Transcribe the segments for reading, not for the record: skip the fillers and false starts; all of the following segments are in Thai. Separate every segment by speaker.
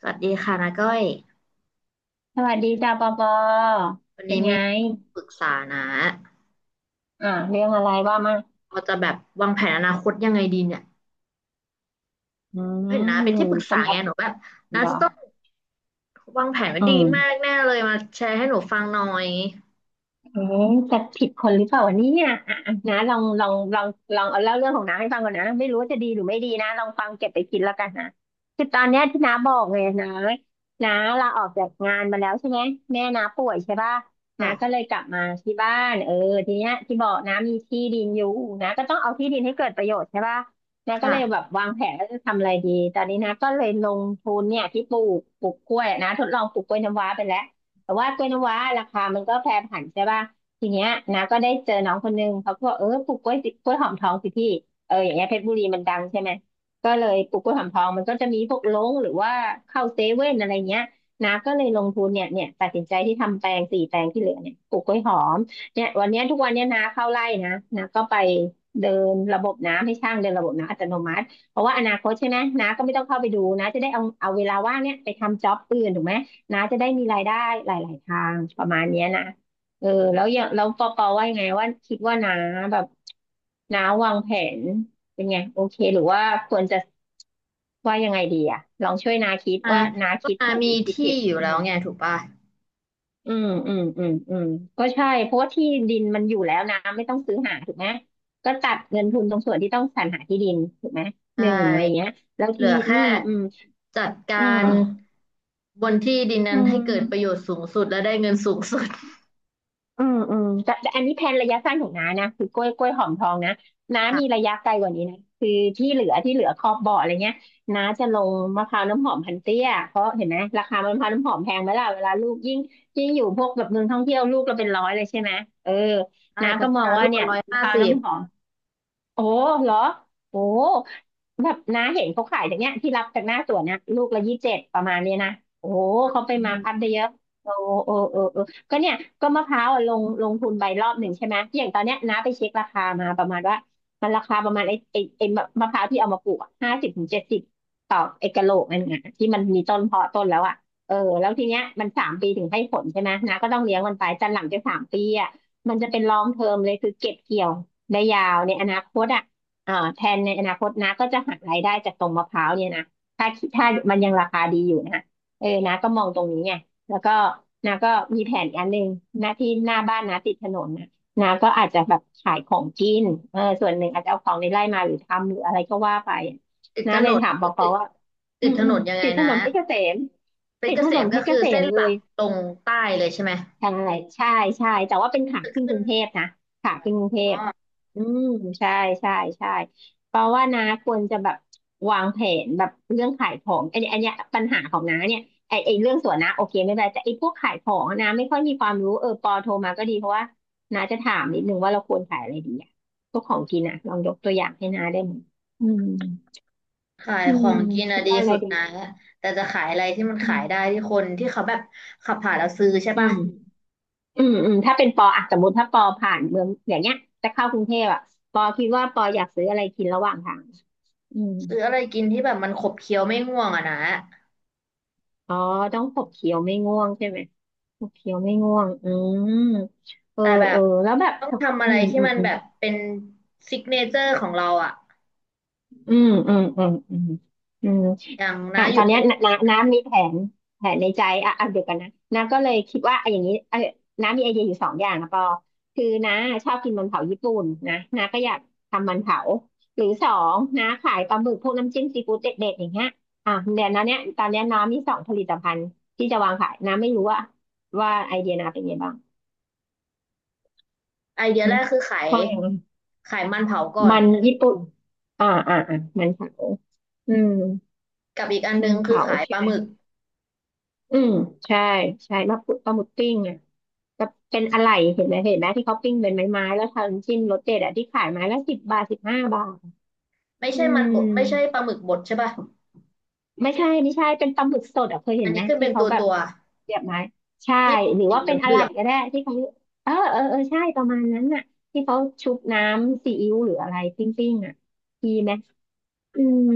Speaker 1: สวัสดีค่ะนาก้อย
Speaker 2: สวัสดีจ้าปอปอ
Speaker 1: วัน
Speaker 2: เป็น
Speaker 1: นี้
Speaker 2: ไง
Speaker 1: มีปรึกษานะ
Speaker 2: อ่าเรื่องอะไรว่ามา
Speaker 1: เราจะแบบวางแผนอนาคตยังไงดีเนี่ย
Speaker 2: อืม
Speaker 1: เห็นนะเป็นที่ปรึกษา
Speaker 2: สำหรั
Speaker 1: ไง
Speaker 2: บ
Speaker 1: หนูแบบนา
Speaker 2: เหรอ
Speaker 1: จะต้องวางแผนไว้
Speaker 2: อื
Speaker 1: ดีมาก
Speaker 2: ม
Speaker 1: แน่เลยมาแชร์ให้หนูฟังหน่อย
Speaker 2: เอ๊ะจะผิดคนหรือเปล่าวะเนี่ยอ่ะนะลองเอาเล่าเรื่องของน้าให้ฟังก่อนนะไม่รู้ว่าจะดีหรือไม่ดีนะลองฟังเก็บไปคิดแล้วกันนะคือตอนเนี้ยที่น้าบอกไงนะน้าลาออกจากงานมาแล้วใช่ไหมแม่น้าป่วยใช่ป่ะน้า
Speaker 1: ค่ะ
Speaker 2: ก็เลยกลับมาที่บ้านเออทีเนี้ยที่บอกน้ามีที่ดินอยู่นะก็ต้องเอาที่ดินให้เกิดประโยชน์ใช่ป่ะน้าก็เลยแบ
Speaker 1: ค่ะ
Speaker 2: บวางแผนว่าจะทำอะไรดีตอนนี้น้าก็เลยลงทุนเนี่ยที่ปลูกกล้วยนะทดลองปลูกกล้วยน้ำว้าไปแล้ว แต่ว่ากล้วยน้ำว้าราคามันก็แปรผันใช่ป่ะทีเนี้ยนะก็ได้เจอน้องคนนึงเขาก็บอกเออปลูกกล้วยสิกล้วยหอมทองสิพี่เอออย่างเงี้ยเพชรบุรีมันดังใช่ไหมก็เลยปลูกกล้วยหอมทองมันก็จะมีพวกลงหรือว่าเข้าเซเว่นอะไรเงี้ยนะก็เลยลงทุนเนี่ยตัดสินใจที่ทำแปลงสี่แปลงที่เหลือเนี่ยปลูกกล้วยหอมเนี่ยวันเนี้ยทุกวันเนี้ยนาเข้าไร่นะนาก็ไปเดินระบบน้ำให้ช่างเดินระบบน้ำอัตโนมัติเพราะว่าอนาคตใช่ไหมนาก็ไม่ต้องเข้าไปดูนะจะได้เอาเวลาว่างเนี่ยไปทำจ็อบอื่นถูกไหม นะจะได้มีรายได้หลายๆ ทางประมาณเนี้ยนะเออแล้วอย่างแล้วปอปอว่ายังไงว่าคิดว่านาแบบนาวางแผนเป็นไงโอเคหรือว่าควรจะว่ายังไงดีอะลองช่วยนาคิด
Speaker 1: อ่า
Speaker 2: ว่านา
Speaker 1: ก็
Speaker 2: คิด
Speaker 1: นา
Speaker 2: ถูกห
Speaker 1: มี
Speaker 2: รือคิด
Speaker 1: ที่
Speaker 2: ผิด
Speaker 1: อยู่แล้วไงถูกป่ะ
Speaker 2: อืมอืมอืมอืมก็ใช่เพราะว่าที่ดินมันอยู่แล้วนะไม่ต้องซื้อหาถูกไหมก็ตัดเงินทุนตรงส่วนที่ต้องสรรหาที่ดินถูกไหม
Speaker 1: ใช
Speaker 2: หนึ่งอะไร
Speaker 1: ่
Speaker 2: เงี้ยแล้ว
Speaker 1: เหลื
Speaker 2: ที่
Speaker 1: อแค่จัดกา
Speaker 2: อืม
Speaker 1: รบนที่ดิน
Speaker 2: อื
Speaker 1: นั้นให้เกิดประ
Speaker 2: ม
Speaker 1: โยชน์สูงสุดและได้เงินสูงสุด
Speaker 2: แต่อันนี้แผนระยะสั้นของน้านะคือกล้วยหอมทองนะน้า
Speaker 1: ค่ะ
Speaker 2: มีระยะไกลกว่านี้นะคือที่เหลือครอบบ่ออะไรเงี้ยน้าจะลงมะพร้าวน้ำหอมพันเตี้ยเพราะเห็นไหมราคามะพร้าวน้ำหอมแพงไหมล่ะเวลาลูกยิ่งอยู่พวกแบบเมืองท่องเที่ยวลูกเราเป็นร้อยเลยใช่ไหมเออ
Speaker 1: ได้
Speaker 2: น้า
Speaker 1: พั
Speaker 2: ก็
Speaker 1: ฒ
Speaker 2: มอง
Speaker 1: นา
Speaker 2: ว่า
Speaker 1: ลูก
Speaker 2: เนี่
Speaker 1: ละ
Speaker 2: ย
Speaker 1: ร้อย
Speaker 2: มะ
Speaker 1: ห้า
Speaker 2: พร้าว
Speaker 1: สิบ
Speaker 2: น้ำหอมโอ้เหรอโอ้ แบบน้าเห็นเขาขายจากเนี้ยที่รับจากหน้าสวนนะลูกละ27ประมาณเนี้ยนะโอ้โหเขาไปมาร์คอัพได้เยอะโอ้โอ้โอ้โอ้ก็เนี่ยก็มะพร้าวอะลงทุนไปรอบหนึ่งใช่ไหมอย่างตอนเนี้ยน้าไปเช็คราคามาประมาณว่ามันราคาประมาณไอ้มะมะพร้าวที่เอามาปลูก50 ถึง 70ต่อไอ้กะโหลกนั่นไงที่มันมีต้นเพาะต้นแล้วอ่ะเออแล้วทีเนี้ยมันสามปีถึงให้ผลใช่ไหมน้าก็ต้องเลี้ยงมันไปจนหลังจากสามปีอ่ะมันจะเป็นลองเทอมเลยคือเก็บเกี่ยวได้ยาวในอนาคตอ่ะ อ่าแผนในอนาคตนะก็จะหักรายได้จากตรงมะพร้าวเนี่ยนะถ้าถ้ามันยังราคาดีอยู่นะเออนะก็มองตรงนี้ไงแล้วก็นะก็มีแผนอีกอันหนึ่งนะที่หน้าบ้านนะติดถนนนะนะก็อาจจะแบบขายของกินเออส่วนหนึ่งอาจจะเอาของในไร่มาหรือทำหรืออะไรก็ว่าไป
Speaker 1: ติด
Speaker 2: นะ
Speaker 1: ถ
Speaker 2: เล
Speaker 1: น
Speaker 2: ย
Speaker 1: น
Speaker 2: ถามปอปอ
Speaker 1: ติด
Speaker 2: ว่าอื
Speaker 1: ติด
Speaker 2: ม
Speaker 1: ถ
Speaker 2: อื
Speaker 1: น
Speaker 2: ม
Speaker 1: นยังไง
Speaker 2: ติดถน
Speaker 1: นะ
Speaker 2: นเพชรเกษม
Speaker 1: เพช
Speaker 2: ติ
Speaker 1: ร
Speaker 2: ด
Speaker 1: เก
Speaker 2: ถ
Speaker 1: ษ
Speaker 2: นน
Speaker 1: ม
Speaker 2: เพ
Speaker 1: ก็
Speaker 2: ชรเก
Speaker 1: คือ
Speaker 2: ษ
Speaker 1: เส้
Speaker 2: ม
Speaker 1: น
Speaker 2: เล
Speaker 1: หลั
Speaker 2: ย
Speaker 1: กตรงใต้เลยใช่ไหม
Speaker 2: ใช่ใช่ใช่แต่ว่าเป็นขา
Speaker 1: จะ
Speaker 2: ขึ้น
Speaker 1: ขึ้
Speaker 2: ก
Speaker 1: น
Speaker 2: รุงเทพนะขา
Speaker 1: อ๋อ
Speaker 2: ขึ้นกรุงเทพอืมใช่ใช่ใช่เพราะว่านาควรจะแบบวางแผนแบบเรื่องขายของอันนี้อันเนี้ยปัญหาของน้าเนี่ยไอเรื่องสวนนะโอเคไม่เป็นไรแต่ไอพวกขายของอะนะไม่ค่อยมีความรู้เออปอโทรมาก็ดีเพราะว่านาจะถามนิดนึงว่าเราควรขายอะไรดีอะพวกของกินอะลองยกตัวอย่างให้นาได้ไหมอืม
Speaker 1: ขาย
Speaker 2: อื
Speaker 1: ขอ
Speaker 2: ม
Speaker 1: งกิน
Speaker 2: คิ
Speaker 1: อะ
Speaker 2: ด
Speaker 1: ดี
Speaker 2: ว่าอะไร
Speaker 1: สุด
Speaker 2: ดี
Speaker 1: นะแต่จะขายอะไรที่มัน
Speaker 2: อื
Speaker 1: ขายได้
Speaker 2: ม
Speaker 1: ที่คนที่เขาแบบขับผ่านแล้วซื้อใช่
Speaker 2: อื
Speaker 1: ปะ
Speaker 2: ม ถ้าเป็นปออ่ะสมมติถ้าปอผ่านเมืองอย่างเงี้ยจะเข้ากรุงเทพอ่ะปอคิดว่าปออยากซื้ออะไรกินระหว่างทางอืม
Speaker 1: ซื้ออะไรกินที่แบบมันขบเคี้ยวไม่ง่วงอะนะ
Speaker 2: อ๋อต้องขบเคี้ยวไม่ง่วงใช่ไหมขบเคี้ยวไม่ง่วงอืมเออ
Speaker 1: แต่แบ
Speaker 2: เอ
Speaker 1: บ
Speaker 2: อแล้วแบบ
Speaker 1: ต้องทำอะ
Speaker 2: อื
Speaker 1: ไร
Speaker 2: ม
Speaker 1: ที่
Speaker 2: อืม
Speaker 1: มัน
Speaker 2: อืม
Speaker 1: แบบเป็นซิกเนเจอร์ของเราอะ
Speaker 2: อืมอืมอืมอืมอืม
Speaker 1: อย่าง
Speaker 2: อ่ะ
Speaker 1: นะอ
Speaker 2: ตอ
Speaker 1: ยู่
Speaker 2: นเนี้
Speaker 1: เป็
Speaker 2: ย
Speaker 1: น
Speaker 2: นน้าน้ำมีแผนแผนในใจอ่ะอ่ะเดี๋ยวกันนะน้าก็เลยคิดว่าไอ้อย่างนี้เออน้ามีไอเดียอยู่สองอย่างนะปอคือน้าชอบกินมันเผาญี่ปุ่นนะน้าก็อยากทำมันเผาหรือสองน้าขายปลาหมึกพวกน้ำจิ้มซีฟู้ดเด็ดๆอย่างเงี้ยอ่ะเดี๋ยวน้าเนี้ยตอนเนี้ยน้ามีสองผลิตภัณฑ์ที่จะวางขายน้าไม่รู้ว่าไอเดียน้าเป็นไงบ้าง
Speaker 1: ไอเดีย
Speaker 2: ม
Speaker 1: แรกคือ
Speaker 2: เพราะอย่าง
Speaker 1: ขายมันเผาก่อน
Speaker 2: มันญี่ปุ่นมันเผาอืม
Speaker 1: กับอีกอันนึ
Speaker 2: มั
Speaker 1: ง
Speaker 2: น
Speaker 1: คือ
Speaker 2: เผา
Speaker 1: ขายป
Speaker 2: ใช่
Speaker 1: ลา
Speaker 2: ไหม
Speaker 1: หมึก
Speaker 2: อืมใช่ใช่มะพร้าวปลาหมึกปิ้งอ่ะจะเป็นอะไรเห็นไหมเห็นไหมที่เขาปิ้งเป็นไม้ๆแล้วทำจิ้มรสเด็ดอ่ะที่ขายไม้ละสิบบาทสิบห้าบาท
Speaker 1: ไม่
Speaker 2: อื
Speaker 1: ใช่มัน
Speaker 2: ม
Speaker 1: บดไม่ใช่ปลาหมึกบดใช่ปะ
Speaker 2: ไม่ใช่ไม่ใช่เป็นปลาหมึกสดอ่ะเคยเห็
Speaker 1: อัน
Speaker 2: นไหม
Speaker 1: นี้ขึ้น
Speaker 2: ที่
Speaker 1: เป็น
Speaker 2: เขาแบบ
Speaker 1: ตัว
Speaker 2: เสียบไม้ใช่
Speaker 1: ที่พลา
Speaker 2: หรือ
Speaker 1: สี
Speaker 2: ว่า
Speaker 1: เห
Speaker 2: เป็นอะไร
Speaker 1: ลือง
Speaker 2: ก็ได้ที่เขาเออเออเออใช่ประมาณนั้นน่ะที่เขาชุบน้ำซีอิ๊วหรืออะไรปิ้งๆอ่ะดีไหม อืม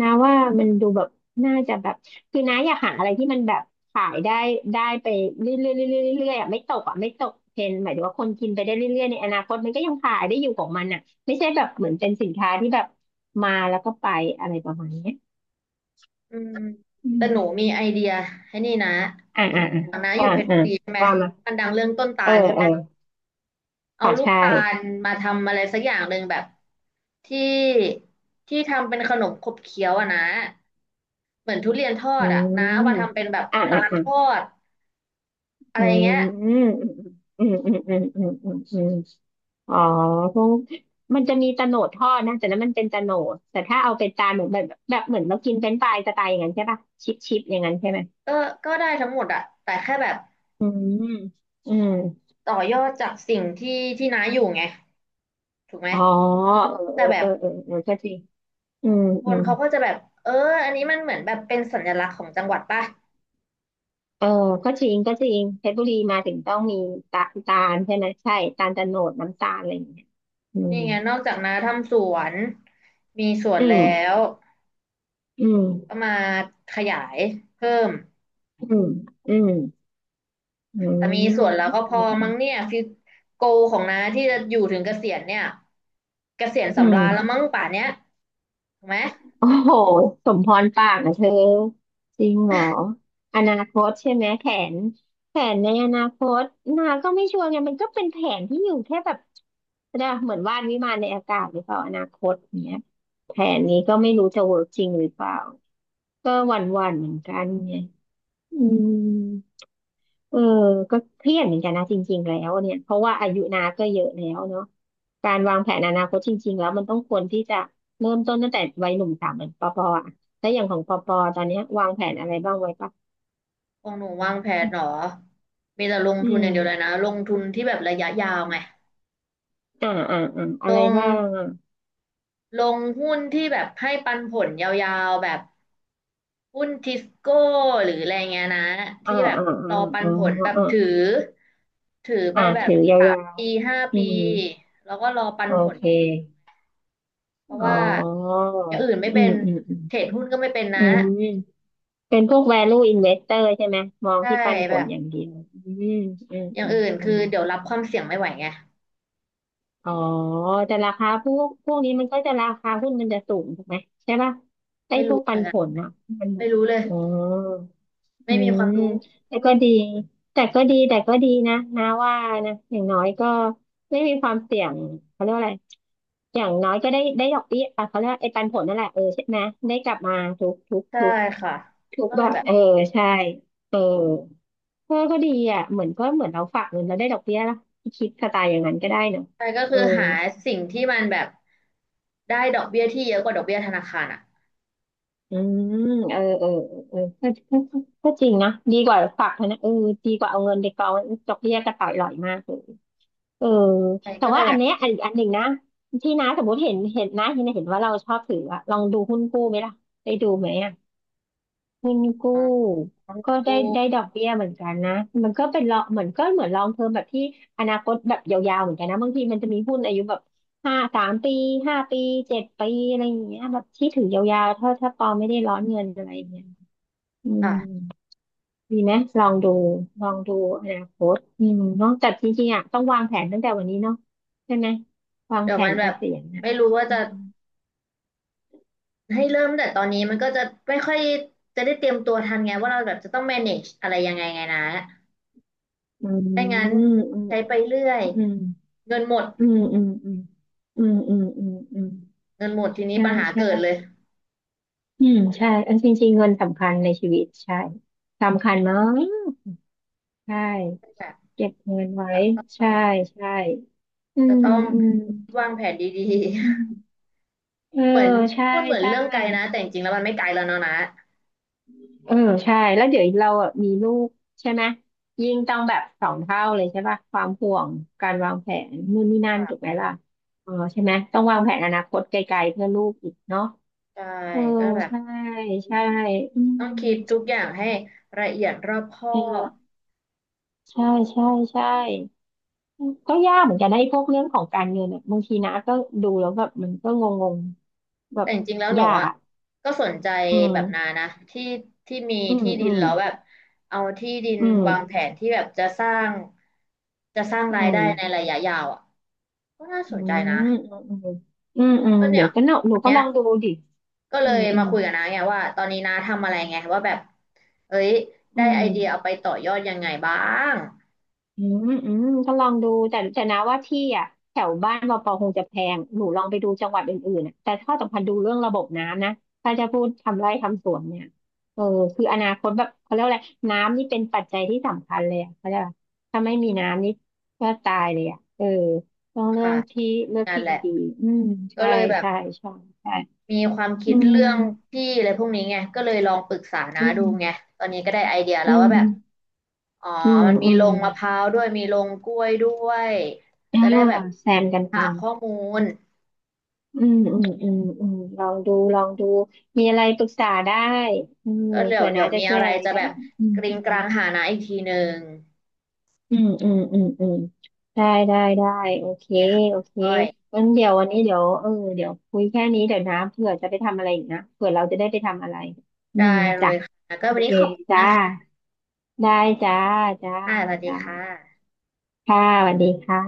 Speaker 2: นะว่ามันดูแบบน่าจะแบบคือนะอยากหาอะไรที่มันแบบขายได้ได้ไปเรื่อยๆเรื่อยๆเรื่อยๆอ่ะไม่ตกอ่ะไม่ตกเทรนด์หมายถึงว่าคนกินไปได้เรื่อยๆในอนาคตมันก็ยังขายได้อยู่ของมันอ่ะไม่ใช่แบบเหมือนเป็นสินค้าที่แบบมาแล้วก็ไปอะไรประมาณเนี้ย
Speaker 1: ๆอืม
Speaker 2: อื
Speaker 1: แต่
Speaker 2: ม
Speaker 1: หนูมีไอเดียให้นี่นะ
Speaker 2: อ่าอ่า
Speaker 1: อย่างน้าอ
Speaker 2: อ่า
Speaker 1: ยู่เพชร
Speaker 2: อ่า
Speaker 1: บุรีใช่ไหม
Speaker 2: อ่าว่ามา
Speaker 1: มันดังเรื่องต้นตา
Speaker 2: เออ
Speaker 1: ลใช่ไห
Speaker 2: เอ
Speaker 1: ม
Speaker 2: อ
Speaker 1: เอา
Speaker 2: ค่ะ
Speaker 1: ลูก
Speaker 2: ใช่
Speaker 1: ตาลมาทำอะไรสักอย่างหนึ่งแบบที่ทำเป็นขนมขบเคี้ยวอะนะเหมือนทุเรียนทอ
Speaker 2: อื
Speaker 1: ดอะนะเอา
Speaker 2: ม
Speaker 1: มาทำเป็นแบบ
Speaker 2: อ่า
Speaker 1: ตา
Speaker 2: อ่า
Speaker 1: ล
Speaker 2: อ่า
Speaker 1: ทอดอะ
Speaker 2: อื
Speaker 1: ไร
Speaker 2: ม
Speaker 1: เงี้ย
Speaker 2: อืมอืมอืมอืมอืมอืม อ๋อคกมันจะมีโะโหนดทอดนะแต่นั้นมันเป็นตะโหนดแต่ถ้าเอาเป็นจานเหมือนแบบเหมือนเรากินเป็นช์ฟรายสไตล์อย่างนั้นใช่ปะชิปอย่างนั้นใช่ไหม
Speaker 1: ก็ก็ได้ทั้งหมดอะแต่แค่แบบ
Speaker 2: อืมอืม
Speaker 1: ต่อยอดจากสิ่งที่ที่น้าอยู่ไงถูกไหม
Speaker 2: อ๋อเอ
Speaker 1: แต่
Speaker 2: อ
Speaker 1: แบ
Speaker 2: เอ
Speaker 1: บ
Speaker 2: อเออเออเออก็จริงอืม
Speaker 1: ค
Speaker 2: อื
Speaker 1: น
Speaker 2: ม
Speaker 1: เขาก็จะแบบเอออันนี้มันเหมือนแบบเป็นสัญลักษณ์ของจังหวัดป่ะ
Speaker 2: เออก็จริงก็จริงเพชรบุรีมาถึงต้องมีตาตาลใช่ไหมใช่ตาลโตะโหนดน้ำตาลอะไรอย่างเงี้ยอื
Speaker 1: นี่
Speaker 2: ม
Speaker 1: ไงนอกจากน้าทำสวนมีสวน
Speaker 2: อื
Speaker 1: แล้
Speaker 2: ม
Speaker 1: ว
Speaker 2: อืม
Speaker 1: ก็มาขยายเพิ่ม
Speaker 2: อืมอืมอื
Speaker 1: แต่มีส
Speaker 2: ม
Speaker 1: วนแล้วก็พ
Speaker 2: อื
Speaker 1: อ
Speaker 2: ม
Speaker 1: มั้งเนี่ยฟิวโกของน้าที่จะอยู่ถึงเกษียณเนี่ยเกษียณ
Speaker 2: อื
Speaker 1: สำรา
Speaker 2: ม
Speaker 1: ญแล้วมั้งป่านเนี้ยถูกไหม
Speaker 2: โอ้โหสมพรปากนะเธอจริงเหรออนาคตใช่ไหมแผนแผนในอนาคตนาก็ไม่ชัวร์ไงมันก็เป็นแผนที่อยู่แค่แบบนะเหมือนวาดวิมานในอากาศหรือเปล่าอนาคตเนี้ยแผนนี้ก็ไม่รู้จะเวิร์กจริงหรือเปล่าก็หวั่นๆเหมือนกันไงอืม เออก็เครียดเหมือนกันนะจริงๆแล้วเนี่ยเพราะว่าอายุนาก็เยอะแล้วเนาะการวางแผนอนาคตจริงๆแล้วมันต้องควรที่จะเริ่มต้นตั้งแต่วัยหนุ่มสาวเหมือนปอปออะแล้วอย่างของปอปอตอนเนี้ยวางแผนอะไรบ้างไว้ปะ
Speaker 1: ของหนูวางแผนเหรอมีแต่ลง
Speaker 2: อื
Speaker 1: ทุนอย่างเดียวเลยนะ
Speaker 2: ม
Speaker 1: ลงทุนที่แบบระยะยาวไง
Speaker 2: อะ
Speaker 1: ล
Speaker 2: ไร
Speaker 1: ง
Speaker 2: บ้างอ่ะ
Speaker 1: ลงหุ้นที่แบบให้ปันผลยาวๆแบบ หุ้นทิสโก้หรืออะไรเงี้ยนะ
Speaker 2: อ่า
Speaker 1: ที่แบบ
Speaker 2: อ่า
Speaker 1: ร
Speaker 2: อ่า
Speaker 1: อปั
Speaker 2: อ๋
Speaker 1: น
Speaker 2: อ
Speaker 1: ผลแบบ
Speaker 2: อ่า
Speaker 1: ถือถือไปแบบ
Speaker 2: ถือยาว
Speaker 1: ปีห้า
Speaker 2: ๆอื
Speaker 1: ปี
Speaker 2: ม
Speaker 1: แล้วก็รอปัน
Speaker 2: โอ
Speaker 1: ผล
Speaker 2: เค
Speaker 1: อย่างเดียวเพราะ
Speaker 2: อ๋
Speaker 1: ว่า
Speaker 2: อ
Speaker 1: อย่างอื่นไม่
Speaker 2: อื
Speaker 1: เป็
Speaker 2: ม
Speaker 1: น
Speaker 2: อืมอืม
Speaker 1: เทรดหุ้นก็ไม่เป็น
Speaker 2: อื
Speaker 1: นะ
Speaker 2: มเป็นพวก value investor ใช่ไหมมอง
Speaker 1: ใช่
Speaker 2: ที่ปันผ
Speaker 1: แบ
Speaker 2: ล
Speaker 1: บ
Speaker 2: อย่างเดียวอืมอืม
Speaker 1: อย่า
Speaker 2: อื
Speaker 1: ง
Speaker 2: ม
Speaker 1: อื่น
Speaker 2: อื
Speaker 1: คือ
Speaker 2: ม
Speaker 1: เดี๋ยวรับความเสี่ยงไม่ไหวไง
Speaker 2: อ๋อแต่ราคาพวกนี้มันก็จะราคาหุ้นมันจะสูงถูกไหมใช่ป่ะไอ้
Speaker 1: ไม่
Speaker 2: พว
Speaker 1: รู้
Speaker 2: ก
Speaker 1: เห
Speaker 2: ปั
Speaker 1: มือ
Speaker 2: น
Speaker 1: นกั
Speaker 2: ผ
Speaker 1: น
Speaker 2: ลอ่ะมันหม
Speaker 1: ไม่
Speaker 2: ด
Speaker 1: รู้เลย
Speaker 2: อ๋ออื
Speaker 1: ไม่มีควา
Speaker 2: ม
Speaker 1: มรู้
Speaker 2: แต่ก็ดีแต่ก็ดีแต่ก็ดีนะว่านะอย่างน้อยก็ไม่มีความเสี่ยงเขาเรียกว่าอะไรอย่างน้อยก็ได้ได้ดอกเบี้ยอ่ะเขาเรียกว่าไอ้ปันผลนั่นแหละเออใช่ไหมได้กลับมาทุกทุก
Speaker 1: ใช่
Speaker 2: ทุก
Speaker 1: ค่ะ
Speaker 2: ทุก
Speaker 1: ก็เล
Speaker 2: แบ
Speaker 1: ย
Speaker 2: บ
Speaker 1: แบบ
Speaker 2: เออใช่เออเออก็ดีอ่ะเหมือนก็เหมือนเราฝากเงินแล้วได้ดอกเบี้ยล่ะคิดสไตล์อย่างนั้นก็ได้เนอะ
Speaker 1: ใช่ก็
Speaker 2: เอ
Speaker 1: คื
Speaker 2: อ
Speaker 1: อหาสิ่งที่มันแบบได้ดอกเบี้ยที่เยอะกว่าดอกเบี้ยธนาคารอ่ะ
Speaker 2: อืมเออก็จริงนะดีกว่าฝากธนะเออดีกว่าเอาเงินไปกองดอกเบี้ยกระต่ายลอยมากเลยเออ
Speaker 1: ใช่
Speaker 2: แต่
Speaker 1: ก็เล
Speaker 2: ว่า
Speaker 1: ย
Speaker 2: อั
Speaker 1: แบ
Speaker 2: น
Speaker 1: บ
Speaker 2: เนี้ยอันอีกอันหนึ่งนะที่น้าสมมติเห็นนะที่น้าเห็นว่าเราชอบถืออะลองดูหุ้นกู้ไหมล่ะได้ดูไหมอะหุ้นกู้
Speaker 1: ลอง
Speaker 2: ก็ได้
Speaker 1: ดู
Speaker 2: ได้ดอกเบี้ยเหมือนกันนะมันก็เป็นลองเหมือนก็เหมือนลองเทอมแบบที่อนาคตแบบยาวๆเหมือนกันนะบางทีมันจะมีหุ้นอายุแบบห้าสามปีห้าปีเจ็ดปีอะไรอย่างเงี้ยแบบที่ถือยาวๆถ้าปอไม่ได้ร้อนเงินอะไรอย่างเงี้ย อื
Speaker 1: ค่ะ
Speaker 2: มดีไหมลองดูลองดูอนาคตอืมเนอะแต่จริงๆอ่ะต้องวางแผนตั้งแต่วันนี้เนาะใช่ไหมวาง
Speaker 1: เดี๋ย
Speaker 2: แผ
Speaker 1: วมั
Speaker 2: น
Speaker 1: นแบ
Speaker 2: เก
Speaker 1: บ
Speaker 2: ษียณอ่ะ
Speaker 1: ไม่รู้ว่าจะให้เริ่มแต่ตอนนี้มันก็จะไม่ค่อยจะได้เตรียมตัวทันไงว่าเราแบบจะต้อง manage อะไรยังไงไงนะ
Speaker 2: อื
Speaker 1: ไม่งั้น
Speaker 2: มอืม
Speaker 1: ใช้ไปเรื่อย
Speaker 2: อืม
Speaker 1: เงินหมด
Speaker 2: อืมอืมอืมอืมอืมอืมอืมอืม
Speaker 1: เงินหมดทีนี้
Speaker 2: ใช่
Speaker 1: ปัญหาเกิดเล
Speaker 2: ใช่
Speaker 1: ย
Speaker 2: อืมใช่เอันจริงๆเงินสำคัญในชีวิตใช่สำคัญมากใช่
Speaker 1: แบบ
Speaker 2: เก็บเงินไว้ใช่ใช่อืมอืม
Speaker 1: จะต้องวางแผนดี
Speaker 2: อื
Speaker 1: ๆ
Speaker 2: มเออ
Speaker 1: เหมือน
Speaker 2: ใช่
Speaker 1: พูดเหมือน
Speaker 2: ใช่
Speaker 1: เรื่องไกลนะแต่จริงๆแล้วมันไม่ไกลแล้วเนาะนะ
Speaker 2: เออใช่แล้วเดี๋ยวเราอ่ะมีลูกใช่ไหมยิ่งต้องแบบสองเท่าเลยใช่ป่ะความห่วงการวางแผนนู่นนี่นั่นถูก
Speaker 1: ค่ะ
Speaker 2: ไหมล่ะเออใช่ไหมต้องวางแผนอนาคตไกลๆเพื่อลูกอีกเนาะ
Speaker 1: ใช่
Speaker 2: เออ
Speaker 1: ก็แบบ
Speaker 2: ใช่ใช่อืม
Speaker 1: ต้องคิดทุกอย่างให้ละเอียดรอบคอ
Speaker 2: เอ
Speaker 1: บ
Speaker 2: อใช่ใช่ใช่ก็ยากเหมือนกันนะไอ้พวกเรื่องของการเงินอ่ะบางทีนะก็ดูแล้วแบบมันก็งงๆแบ
Speaker 1: แต่
Speaker 2: บ
Speaker 1: จริงๆแล้วหนู
Speaker 2: ยาก
Speaker 1: อ่ะ
Speaker 2: อะ
Speaker 1: ก็สนใจ
Speaker 2: อื
Speaker 1: แบบนา
Speaker 2: ม
Speaker 1: นะที่มี
Speaker 2: อืม
Speaker 1: ที่ดิ
Speaker 2: อื
Speaker 1: น
Speaker 2: ม
Speaker 1: แล้วแบบเอาที่ดิน
Speaker 2: อืม
Speaker 1: วางแผนที่แบบจะสร้าง
Speaker 2: อื
Speaker 1: รายได้ใน
Speaker 2: ม
Speaker 1: ระยะยาวอ่ะก็น่า
Speaker 2: อื
Speaker 1: สนใจนะ
Speaker 2: มอืมอืมอืม
Speaker 1: ก็เนี่
Speaker 2: เดี๋ย
Speaker 1: ย
Speaker 2: วก็เนาะหนู
Speaker 1: วัน
Speaker 2: ก็
Speaker 1: เนี้
Speaker 2: ล
Speaker 1: ย
Speaker 2: องดูดิ
Speaker 1: ก็
Speaker 2: อื
Speaker 1: เล
Speaker 2: ม
Speaker 1: ย
Speaker 2: อื
Speaker 1: มา
Speaker 2: ม
Speaker 1: คุยกับน้าไงว่าตอนนี้น้าทำอะไรไงว่าแบบเอ้ย
Speaker 2: อื
Speaker 1: ได้
Speaker 2: ม
Speaker 1: ไอเดียเอาไปต่อยอดยังไงบ้าง
Speaker 2: อืมอืมก็ลองดู แต่นะว่าที่อ่ะแถวบ้านเราปอคงจะแพง หนูลองไปดูจังหวัดอื่นๆอะแต่ข้อสำคัญดูเรื่องระบบน้ำนะถ้าจะพูดทำไร่ทำสวนเนี่ยเออคืออนาคตแบบเขาเรียกว่าอะไรน้ำนี่เป็นปัจจัยที่สำคัญเลยอะเขาเรียกว่าถ้าไม่มีน้ำนี่ก็ตายเลยอ่ะเออต้องเรื่อ
Speaker 1: ค่ะ
Speaker 2: งที่เลือก
Speaker 1: นั่น
Speaker 2: ที่
Speaker 1: แหละ
Speaker 2: ดีๆอืม
Speaker 1: ก็
Speaker 2: ใช่
Speaker 1: เลยแบบ
Speaker 2: ใช่ใช่ใช่
Speaker 1: มีความคิ
Speaker 2: อื
Speaker 1: ด
Speaker 2: ม
Speaker 1: เรื่องที่อะไรพวกนี้ไงก็เลยลองปรึกษาน้า
Speaker 2: อื
Speaker 1: ดู
Speaker 2: ม
Speaker 1: ไงตอนนี้ก็ได้ไอเดีย
Speaker 2: อื
Speaker 1: แล้วว่าแบบ
Speaker 2: ม
Speaker 1: อ๋อ
Speaker 2: อืม
Speaker 1: มันมี
Speaker 2: อื
Speaker 1: ล
Speaker 2: ม
Speaker 1: งมะพร้าวด้วยมีลงกล้วยด้วย
Speaker 2: อ่า
Speaker 1: จะได้แบบ
Speaker 2: แซมกันไป
Speaker 1: หาข้อมูล
Speaker 2: อืมอืมอืมอืมลองดูลองดูมีอะไรปรึกษาได้อืม
Speaker 1: ก็
Speaker 2: เผื่อ
Speaker 1: เดี๋
Speaker 2: น้า
Speaker 1: ยว
Speaker 2: จะ
Speaker 1: มี
Speaker 2: ช่ว
Speaker 1: อะ
Speaker 2: ย
Speaker 1: ไร
Speaker 2: อะไร
Speaker 1: จะ
Speaker 2: ได้
Speaker 1: แบบ
Speaker 2: อีกอืม
Speaker 1: กริงกลางหานะอีกทีหนึ่ง
Speaker 2: อืมอืมอืมอืมได้ได้ได้โอเค
Speaker 1: โอเคค่ะ
Speaker 2: โอเค
Speaker 1: ก้อย
Speaker 2: งั้นเดี๋ยววันนี้เดี๋ยวเออเดี๋ยวคุยแค่นี้เดี๋ยวน้าเผื่อจะไปทำอะไรอีกนะเผื่อเราจะได้ไปทำอะไรอื
Speaker 1: ได้
Speaker 2: ม
Speaker 1: เล
Speaker 2: จ้ะ
Speaker 1: ยค่ะก็
Speaker 2: โอ
Speaker 1: วัน
Speaker 2: เค
Speaker 1: นี้ขอบคุ
Speaker 2: จ้า
Speaker 1: ณ
Speaker 2: ได้จ้าจ้า
Speaker 1: ค่ะสวัสดี
Speaker 2: จ้า
Speaker 1: ค่ะ
Speaker 2: ค่ะสวัสดีค่ะ